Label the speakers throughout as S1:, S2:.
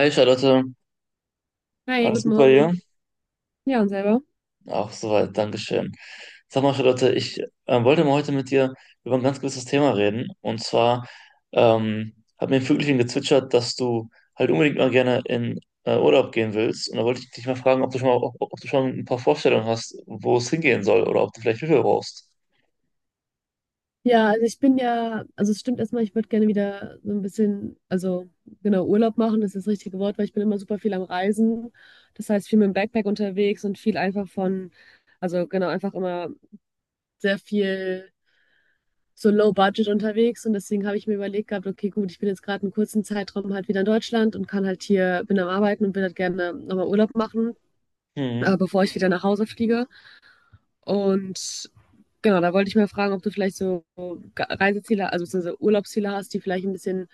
S1: Hi Charlotte,
S2: Hi,
S1: alles
S2: guten
S1: gut bei dir?
S2: Morgen. Ja, und selber?
S1: Auch soweit, Dankeschön. Sag mal Charlotte, ich wollte mal heute mit dir über ein ganz gewisses Thema reden. Und zwar hat mir ein Vögelchen gezwitschert, dass du halt unbedingt mal gerne in Urlaub gehen willst. Und da wollte ich dich mal fragen, ob du schon ein paar Vorstellungen hast, wo es hingehen soll oder ob du vielleicht Hilfe brauchst.
S2: Ja, also es stimmt erstmal, ich würde gerne wieder so ein bisschen, genau, Urlaub machen, das ist das richtige Wort, weil ich bin immer super viel am Reisen. Das heißt, viel mit dem Backpack unterwegs und viel einfach von, also genau, einfach immer sehr viel so low budget unterwegs. Und deswegen habe ich mir überlegt gehabt, okay, gut, ich bin jetzt gerade einen kurzen Zeitraum halt wieder in Deutschland und kann halt hier, bin am Arbeiten und will halt gerne nochmal Urlaub machen,
S1: Mhm.
S2: bevor ich wieder nach Hause fliege. Und genau, da wollte ich mal fragen, ob du vielleicht so Reiseziele, also beziehungsweise Urlaubsziele hast, die vielleicht ein bisschen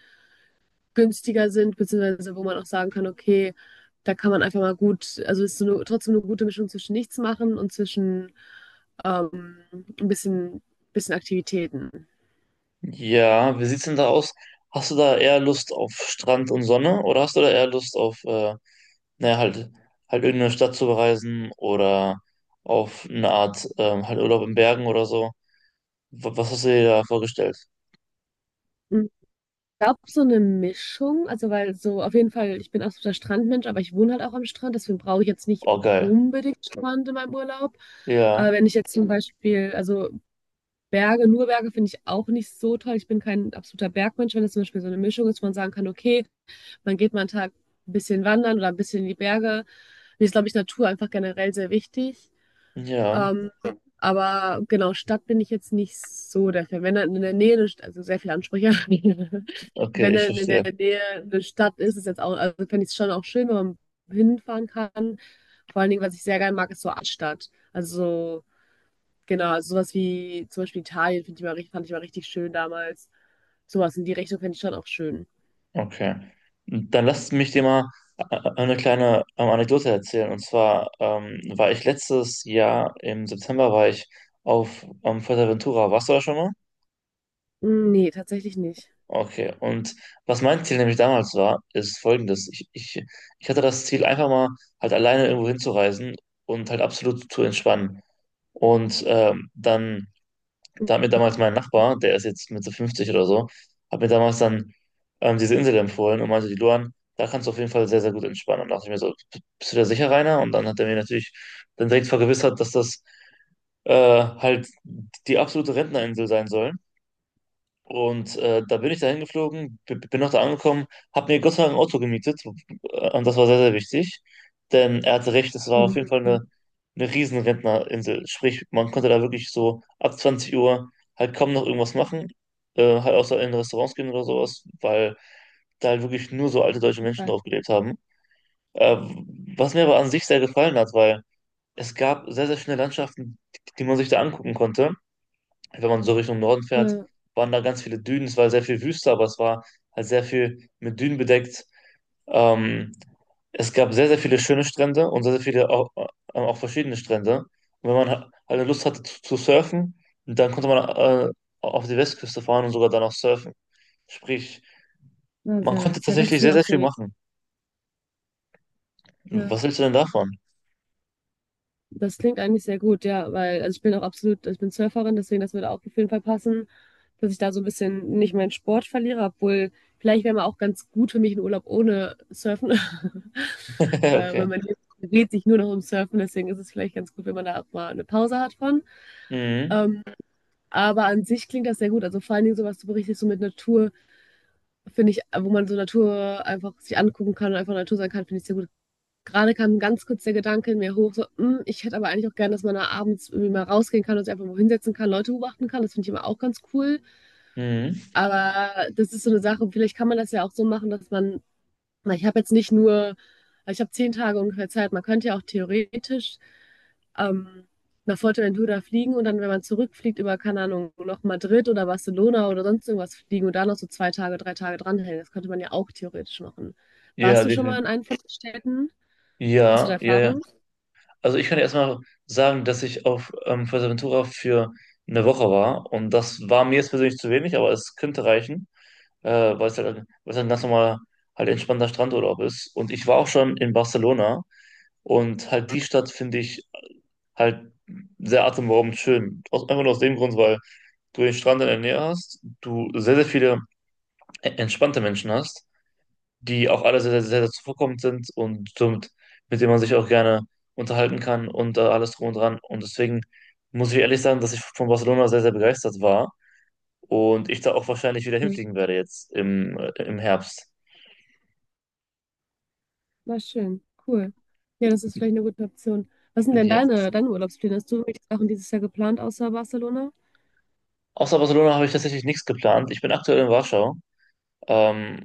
S2: günstiger sind, beziehungsweise wo man auch sagen kann, okay, da kann man einfach mal gut, also es ist so eine, trotzdem eine gute Mischung zwischen nichts machen und zwischen ein bisschen Aktivitäten.
S1: Ja, wie sieht's denn da aus? Hast du da eher Lust auf Strand und Sonne oder hast du da eher Lust auf, naja, halt irgendeine Stadt zu bereisen oder auf eine Art, halt Urlaub in Bergen oder so? Was hast du dir da vorgestellt?
S2: Ich glaube, so eine Mischung, also weil so auf jeden Fall, ich bin absoluter Strandmensch, aber ich wohne halt auch am Strand, deswegen brauche ich jetzt nicht
S1: Oh, geil.
S2: unbedingt Strand in meinem Urlaub.
S1: Ja,
S2: Aber wenn ich jetzt zum Beispiel, also Berge, nur Berge finde ich auch nicht so toll. Ich bin kein absoluter Bergmensch, wenn es zum Beispiel so eine Mischung ist, wo man sagen kann, okay, man geht mal einen Tag ein bisschen wandern oder ein bisschen in die Berge. Mir ist, glaube ich, Natur einfach generell sehr wichtig.
S1: ja,
S2: Ja, aber genau, Stadt bin ich jetzt nicht so der Fan. Wenn dann in der Nähe, eine also sehr viele Ansprüche,
S1: okay,
S2: wenn
S1: ich
S2: dann in der
S1: verstehe.
S2: Nähe eine Stadt ist, ist jetzt auch, also fände ich es schon auch schön, wenn man hinfahren kann. Vor allen Dingen, was ich sehr gerne mag, ist so Altstadt. Also so genau, also sowas wie zum Beispiel Italien finde ich mal, fand ich mal richtig schön damals. Sowas in die Richtung fände ich schon auch schön.
S1: Okay. Dann lass mich dir mal äh, eine kleine Anekdote erzählen. Und zwar war ich letztes Jahr im September, war ich auf Fuerteventura. Warst du da schon mal?
S2: Nee, tatsächlich nicht.
S1: Okay, und was mein Ziel nämlich damals war, ist folgendes. Ich hatte das Ziel, einfach mal halt alleine irgendwo hinzureisen und halt absolut zu entspannen. Und dann, da hat mir damals mein Nachbar, der ist jetzt Mitte 50 oder so, hat mir damals dann diese Insel empfohlen und meinte, die Luan, da kannst du auf jeden Fall sehr, sehr gut entspannen. Und dachte ich mir so: Bist du da sicher, Rainer?" Und dann hat er mir natürlich dann direkt vergewissert, dass das halt die absolute Rentnerinsel sein soll und da bin ich da hingeflogen, bin auch da angekommen, habe mir Gott sei Dank ein Auto gemietet und das war sehr, sehr wichtig, denn er hatte recht, es war auf jeden Fall
S2: Mhm.
S1: eine riesen Rentnerinsel, sprich, man konnte da wirklich so ab 20 Uhr halt kaum noch irgendwas machen, halt außer in Restaurants gehen oder sowas, weil da halt wirklich nur so alte deutsche Menschen
S2: Okay.
S1: drauf gelebt haben. Äh, Was mir aber an sich sehr gefallen hat, weil es gab sehr, sehr schöne Landschaften, die man sich da angucken konnte, wenn man so Richtung Norden fährt,
S2: Ja,
S1: waren da ganz viele Dünen. Es war sehr viel Wüste, aber es war halt sehr viel mit Dünen bedeckt. Ähm, Es gab sehr, sehr viele schöne Strände und sehr, sehr viele auch, auch verschiedene Strände. Und wenn man halt Lust hatte zu surfen, dann konnte man auf die Westküste fahren und sogar dann auch surfen. Sprich,
S2: na,
S1: man
S2: sehr
S1: konnte
S2: nice. Ja, das
S1: tatsächlich
S2: ist
S1: sehr,
S2: mir auch
S1: sehr viel
S2: sehr wichtig.
S1: machen. Was
S2: Ja,
S1: hältst du denn davon?
S2: das klingt eigentlich sehr gut, ja, weil also ich bin auch absolut, also ich bin Surferin, deswegen das würde auch auf jeden Fall passen, dass ich da so ein bisschen nicht meinen Sport verliere, obwohl vielleicht wäre mal auch ganz gut für mich ein Urlaub ohne Surfen.
S1: Okay.
S2: Weil man dreht sich nur noch um Surfen, deswegen ist es vielleicht ganz gut, wenn man da auch mal eine Pause hat von.
S1: Mhm.
S2: Ähm, Aber an sich klingt das sehr gut. Also vor allen Dingen so, was du berichtest, so mit Natur, finde ich, wo man so Natur einfach sich angucken kann und einfach Natur sein kann, finde ich sehr gut. Gerade kam ganz kurz der Gedanke in mir hoch, so, ich hätte aber eigentlich auch gern, dass man da abends irgendwie mal rausgehen kann und sich einfach mal hinsetzen kann, Leute beobachten kann. Das finde ich immer auch ganz cool.
S1: Mhm.
S2: Aber das ist so eine Sache, vielleicht kann man das ja auch so machen, dass man weil ich habe jetzt nicht nur, also ich habe 10 Tage ungefähr Zeit. Man könnte ja auch theoretisch ähm, nach Fuerteventura fliegen und dann, wenn man zurückfliegt, über, keine Ahnung, noch Madrid oder Barcelona oder sonst irgendwas fliegen und da noch so 2 Tage, 3 Tage dranhängen. Das könnte man ja auch theoretisch machen. Warst
S1: Ja,
S2: du schon mal
S1: definitiv.
S2: in einem von den Städten? Hast du da
S1: Ja, ja, ja.
S2: Erfahrung?
S1: Also ich kann erstmal sagen, dass ich auf Fuerteventura für eine Woche war und das war mir jetzt persönlich zu wenig, aber es könnte reichen, weil es halt ein ganz normaler, halt entspannter Strandurlaub ist. Und ich war auch schon in Barcelona und halt die Stadt finde ich halt sehr atemberaubend schön. Aus, einfach nur aus dem Grund, weil du den Strand in der Nähe hast, du sehr, sehr viele entspannte Menschen hast, die auch alle sehr, sehr, sehr zuvorkommend sind und somit, mit denen man sich auch gerne unterhalten kann und alles drum und dran. Und deswegen muss ich ehrlich sagen, dass ich von Barcelona sehr, sehr begeistert war und ich da auch wahrscheinlich wieder
S2: Okay.
S1: hinfliegen werde jetzt im Herbst.
S2: Na schön, cool. Ja, das ist vielleicht eine gute Option. Was sind denn
S1: Ja.
S2: deine Urlaubspläne? Hast du irgendwelche Sachen dieses Jahr geplant außer Barcelona?
S1: Außer Barcelona habe ich tatsächlich nichts geplant. Ich bin aktuell in Warschau.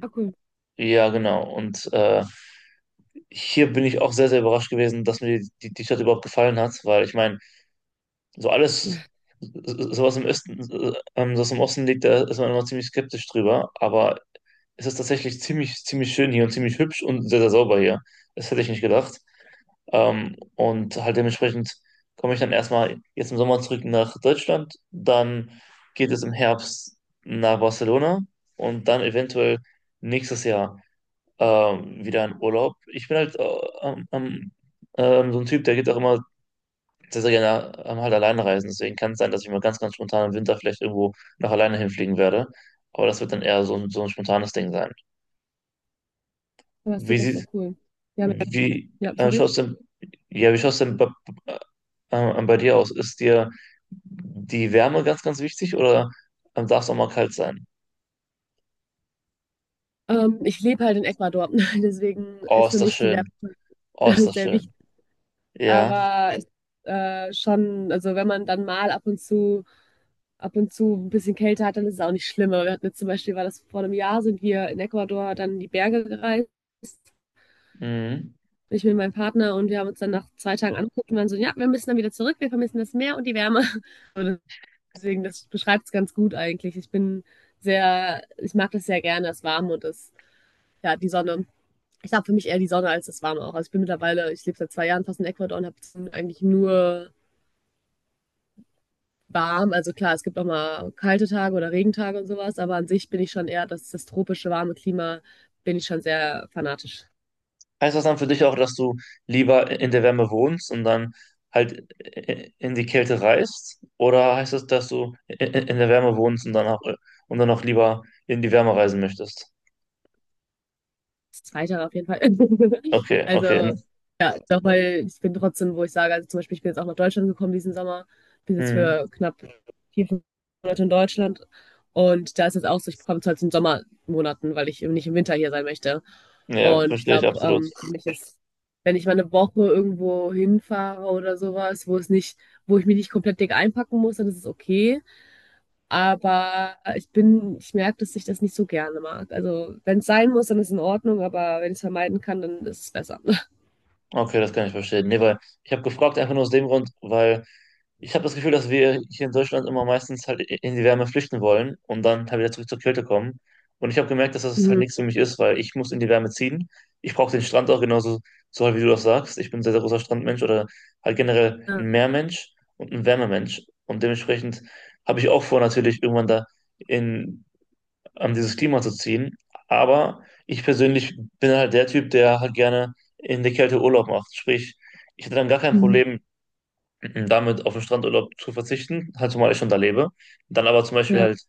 S2: Ah, cool.
S1: ja, genau. Und hier bin ich auch sehr, sehr überrascht gewesen, dass mir die Stadt überhaupt gefallen hat, weil ich meine, so alles, sowas im Osten, das im Osten liegt, da ist man immer ziemlich skeptisch drüber. Aber es ist tatsächlich ziemlich, ziemlich schön hier und ziemlich hübsch und sehr, sehr sauber hier. Das hätte ich nicht gedacht. Und halt dementsprechend komme ich dann erstmal jetzt im Sommer zurück nach Deutschland. Dann geht es im Herbst nach Barcelona und dann eventuell nächstes Jahr wieder in Urlaub. Ich bin halt ähm, so ein Typ, der geht auch immer sehr, sehr gerne halt alleine reisen. Deswegen kann es sein, dass ich mal ganz, ganz spontan im Winter vielleicht irgendwo noch alleine hinfliegen werde. Aber das wird dann eher so ein spontanes Ding sein.
S2: Ja, das
S1: Wie
S2: klingt doch sehr
S1: sieht,
S2: cool. Ja, mit,
S1: wie
S2: ja,
S1: äh,
S2: sorry.
S1: schaut's denn, ja, Wie schaut's denn äh, bei dir aus? Ist dir die Wärme ganz, ganz wichtig oder darf es auch mal kalt sein?
S2: Ich lebe halt in Ecuador, deswegen
S1: Oh,
S2: ist für
S1: ist das
S2: mich die
S1: schön.
S2: Werbung
S1: Oh, ist das
S2: sehr wichtig.
S1: schön. Ja.
S2: Aber es, schon, also wenn man dann mal ab und zu ein bisschen Kälte hat, dann ist es auch nicht schlimm. Aber wir hatten jetzt zum Beispiel, war das vor einem Jahr, sind wir in Ecuador dann in die Berge gereist.
S1: Mhm.
S2: Ich mit meinem Partner und wir haben uns dann nach 2 Tagen angeguckt und waren so, ja, wir müssen dann wieder zurück, wir vermissen das Meer und die Wärme. Und deswegen, das beschreibt es ganz gut eigentlich. Ich bin sehr, ich mag das sehr gerne, das Warme und das, ja, die Sonne. Ich habe für mich eher die Sonne als das Warme auch. Also ich bin mittlerweile, ich lebe seit 2 Jahren fast in Ecuador und habe eigentlich nur warm. Also klar, es gibt auch mal kalte Tage oder Regentage und sowas, aber an sich bin ich schon eher, das, das tropische warme Klima, bin ich schon sehr fanatisch.
S1: Heißt das dann für dich auch, dass du lieber in der Wärme wohnst und dann halt in die Kälte reist? Oder heißt das, dass du in der Wärme wohnst und dann auch lieber in die Wärme reisen möchtest?
S2: Das Zweite auf jeden Fall.
S1: Okay, okay.
S2: Also doch, weil ich bin trotzdem, wo ich sage, also zum Beispiel, ich bin jetzt auch nach Deutschland gekommen diesen Sommer, bin jetzt
S1: Mhm.
S2: für knapp 4, 5 Monate in Deutschland und da ist es auch so, ich komme zwar zu den Sommermonaten, weil ich eben nicht im Winter hier sein möchte.
S1: Ja,
S2: Und ich
S1: verstehe ich
S2: glaube,
S1: absolut.
S2: für mich ist, wenn ich mal eine Woche irgendwo hinfahre oder sowas, wo es nicht, wo ich mich nicht komplett dick einpacken muss, dann ist es okay. Aber ich bin, ich merke, dass ich das nicht so gerne mag. Also wenn es sein muss, dann ist es in Ordnung, aber wenn ich es vermeiden kann, dann ist es besser.
S1: Okay, das kann ich verstehen. Nee, weil ich habe gefragt einfach nur aus dem Grund, weil ich habe das Gefühl, dass wir hier in Deutschland immer meistens halt in die Wärme flüchten wollen und dann halt wieder zurück zur Kälte kommen. Und ich habe gemerkt, dass das halt
S2: Mhm.
S1: nichts für mich ist, weil ich muss in die Wärme ziehen. Ich brauche den Strand auch genauso, so halt wie du das sagst. Ich bin ein sehr, sehr großer Strandmensch oder halt generell ein
S2: Ja.
S1: Meermensch und ein Wärmemensch. Und dementsprechend habe ich auch vor, natürlich irgendwann da in dieses Klima zu ziehen. Aber ich persönlich bin halt der Typ, der halt gerne in der Kälte Urlaub macht. Sprich, ich hätte dann gar kein
S2: Mhm.
S1: Problem damit, auf den Strandurlaub zu verzichten, halt zumal ich schon da lebe. Dann aber zum Beispiel
S2: Ja.
S1: halt,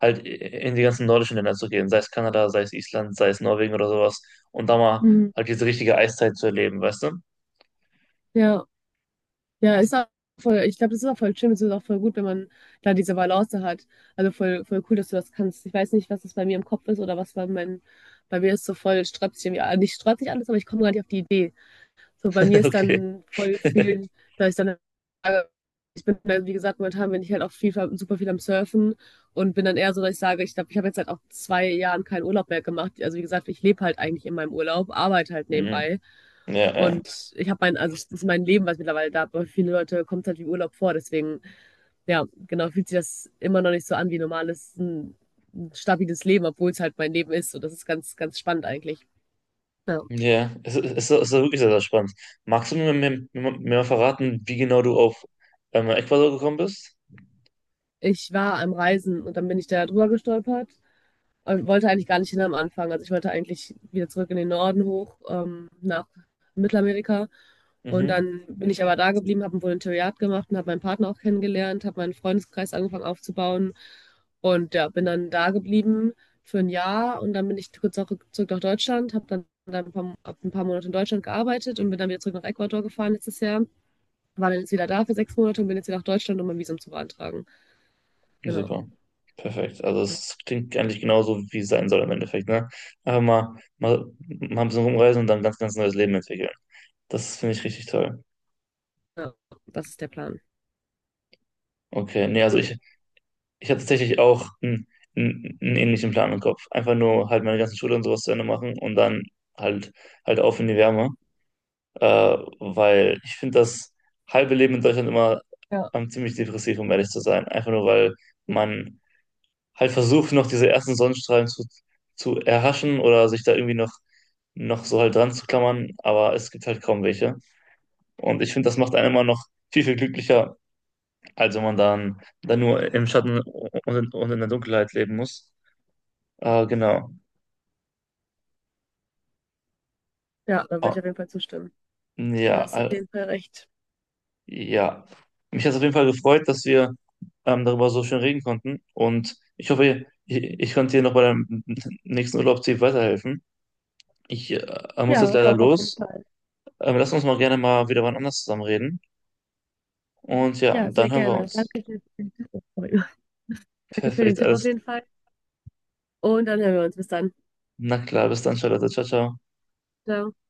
S1: halt in die ganzen nordischen Länder zu gehen, sei es Kanada, sei es Island, sei es Norwegen oder sowas. Und da mal
S2: Mhm.
S1: halt diese richtige Eiszeit zu erleben, weißt du?
S2: Ja. Ja, ist auch voll, ich glaube, das ist auch voll schön. Das ist auch voll gut, wenn man da diese Balance hat. Also voll, voll cool, dass du das kannst. Ich weiß nicht, was das bei mir im Kopf ist oder was bei meinem, bei mir ist so voll strapaziert, irgendwie- nicht strapaziert alles, aber ich komme gar nicht auf die Idee. So, bei mir ist
S1: Okay.
S2: dann voll viel, da ist dann ich bin, dann, wie gesagt, momentan bin ich halt auch viel, super viel am Surfen und bin dann eher so, dass ich sage, ich glaube, ich habe jetzt halt auch 2 Jahren keinen Urlaub mehr gemacht. Also wie gesagt, ich lebe halt eigentlich in meinem Urlaub, arbeite halt
S1: Mhm.
S2: nebenbei.
S1: Ja, ja.
S2: Und ich habe mein, also das ist mein Leben, was mittlerweile da, aber für viele Leute kommt es halt wie Urlaub vor. Deswegen, ja, genau, fühlt sich das immer noch nicht so an wie normales, ein stabiles Leben, obwohl es halt mein Leben ist. Und das ist ganz, ganz spannend eigentlich. Ja.
S1: Ja, wirklich sehr, sehr spannend. Magst du mir mal verraten, wie genau du auf Ecuador gekommen bist?
S2: Ich war am Reisen und dann bin ich da drüber gestolpert und wollte eigentlich gar nicht hin am Anfang. Also ich wollte eigentlich wieder zurück in den Norden hoch, nach Mittelamerika. Und
S1: Mhm,
S2: dann bin ich aber da geblieben, habe ein Volontariat gemacht und habe meinen Partner auch kennengelernt, habe meinen Freundeskreis angefangen aufzubauen und ja, bin dann da geblieben für ein Jahr und dann bin ich kurz auch zurück nach Deutschland, habe dann, dann ein paar, hab ein paar Monate in Deutschland gearbeitet und bin dann wieder zurück nach Ecuador gefahren letztes Jahr, war dann jetzt wieder da für 6 Monate und bin jetzt wieder nach Deutschland, um mein Visum zu beantragen. Genau.
S1: super. Perfekt. Also es klingt eigentlich genauso, wie es sein soll im Endeffekt, ne? Einfach mal ein bisschen rumreisen und dann ein ganz, ganz neues Leben entwickeln. Das finde ich richtig toll.
S2: Ja. Das ist der Plan.
S1: Okay, nee, also ich hatte tatsächlich auch einen ähnlichen Plan im Kopf. Einfach nur halt meine ganze Schule und sowas zu Ende machen und dann halt, halt auf in die Wärme. Weil ich finde das halbe Leben in Deutschland immer
S2: Ja,
S1: ziemlich depressiv, um ehrlich zu sein. Einfach nur, weil man halt versucht, noch diese ersten Sonnenstrahlen zu erhaschen oder sich da irgendwie noch so halt dran zu klammern, aber es gibt halt kaum welche. Und ich finde, das macht einen immer noch viel, viel glücklicher, als wenn man dann nur im Schatten und in der Dunkelheit leben muss. Genau.
S2: ja, da würde
S1: Ah,
S2: ich auf jeden Fall zustimmen. Da
S1: ja,
S2: hast du auf jeden Fall recht.
S1: ja, mich hat es auf jeden Fall gefreut, dass wir darüber so schön reden konnten. Und ich hoffe, ich konnte dir noch bei deinem nächsten Urlaubsziel weiterhelfen. Ich muss jetzt
S2: Ja,
S1: leider
S2: doch, auf jeden
S1: los.
S2: Fall.
S1: Lass uns mal gerne mal wieder wann anders zusammen reden. Und ja,
S2: Ja,
S1: dann
S2: sehr
S1: hören wir
S2: gerne.
S1: uns.
S2: Danke für den Tipp. Sorry. Danke für den
S1: Perfekt,
S2: Tipp auf
S1: alles.
S2: jeden Fall. Und dann hören wir uns. Bis dann.
S1: Na klar, bis dann, Charlotte. Ciao, ciao.
S2: Ciao.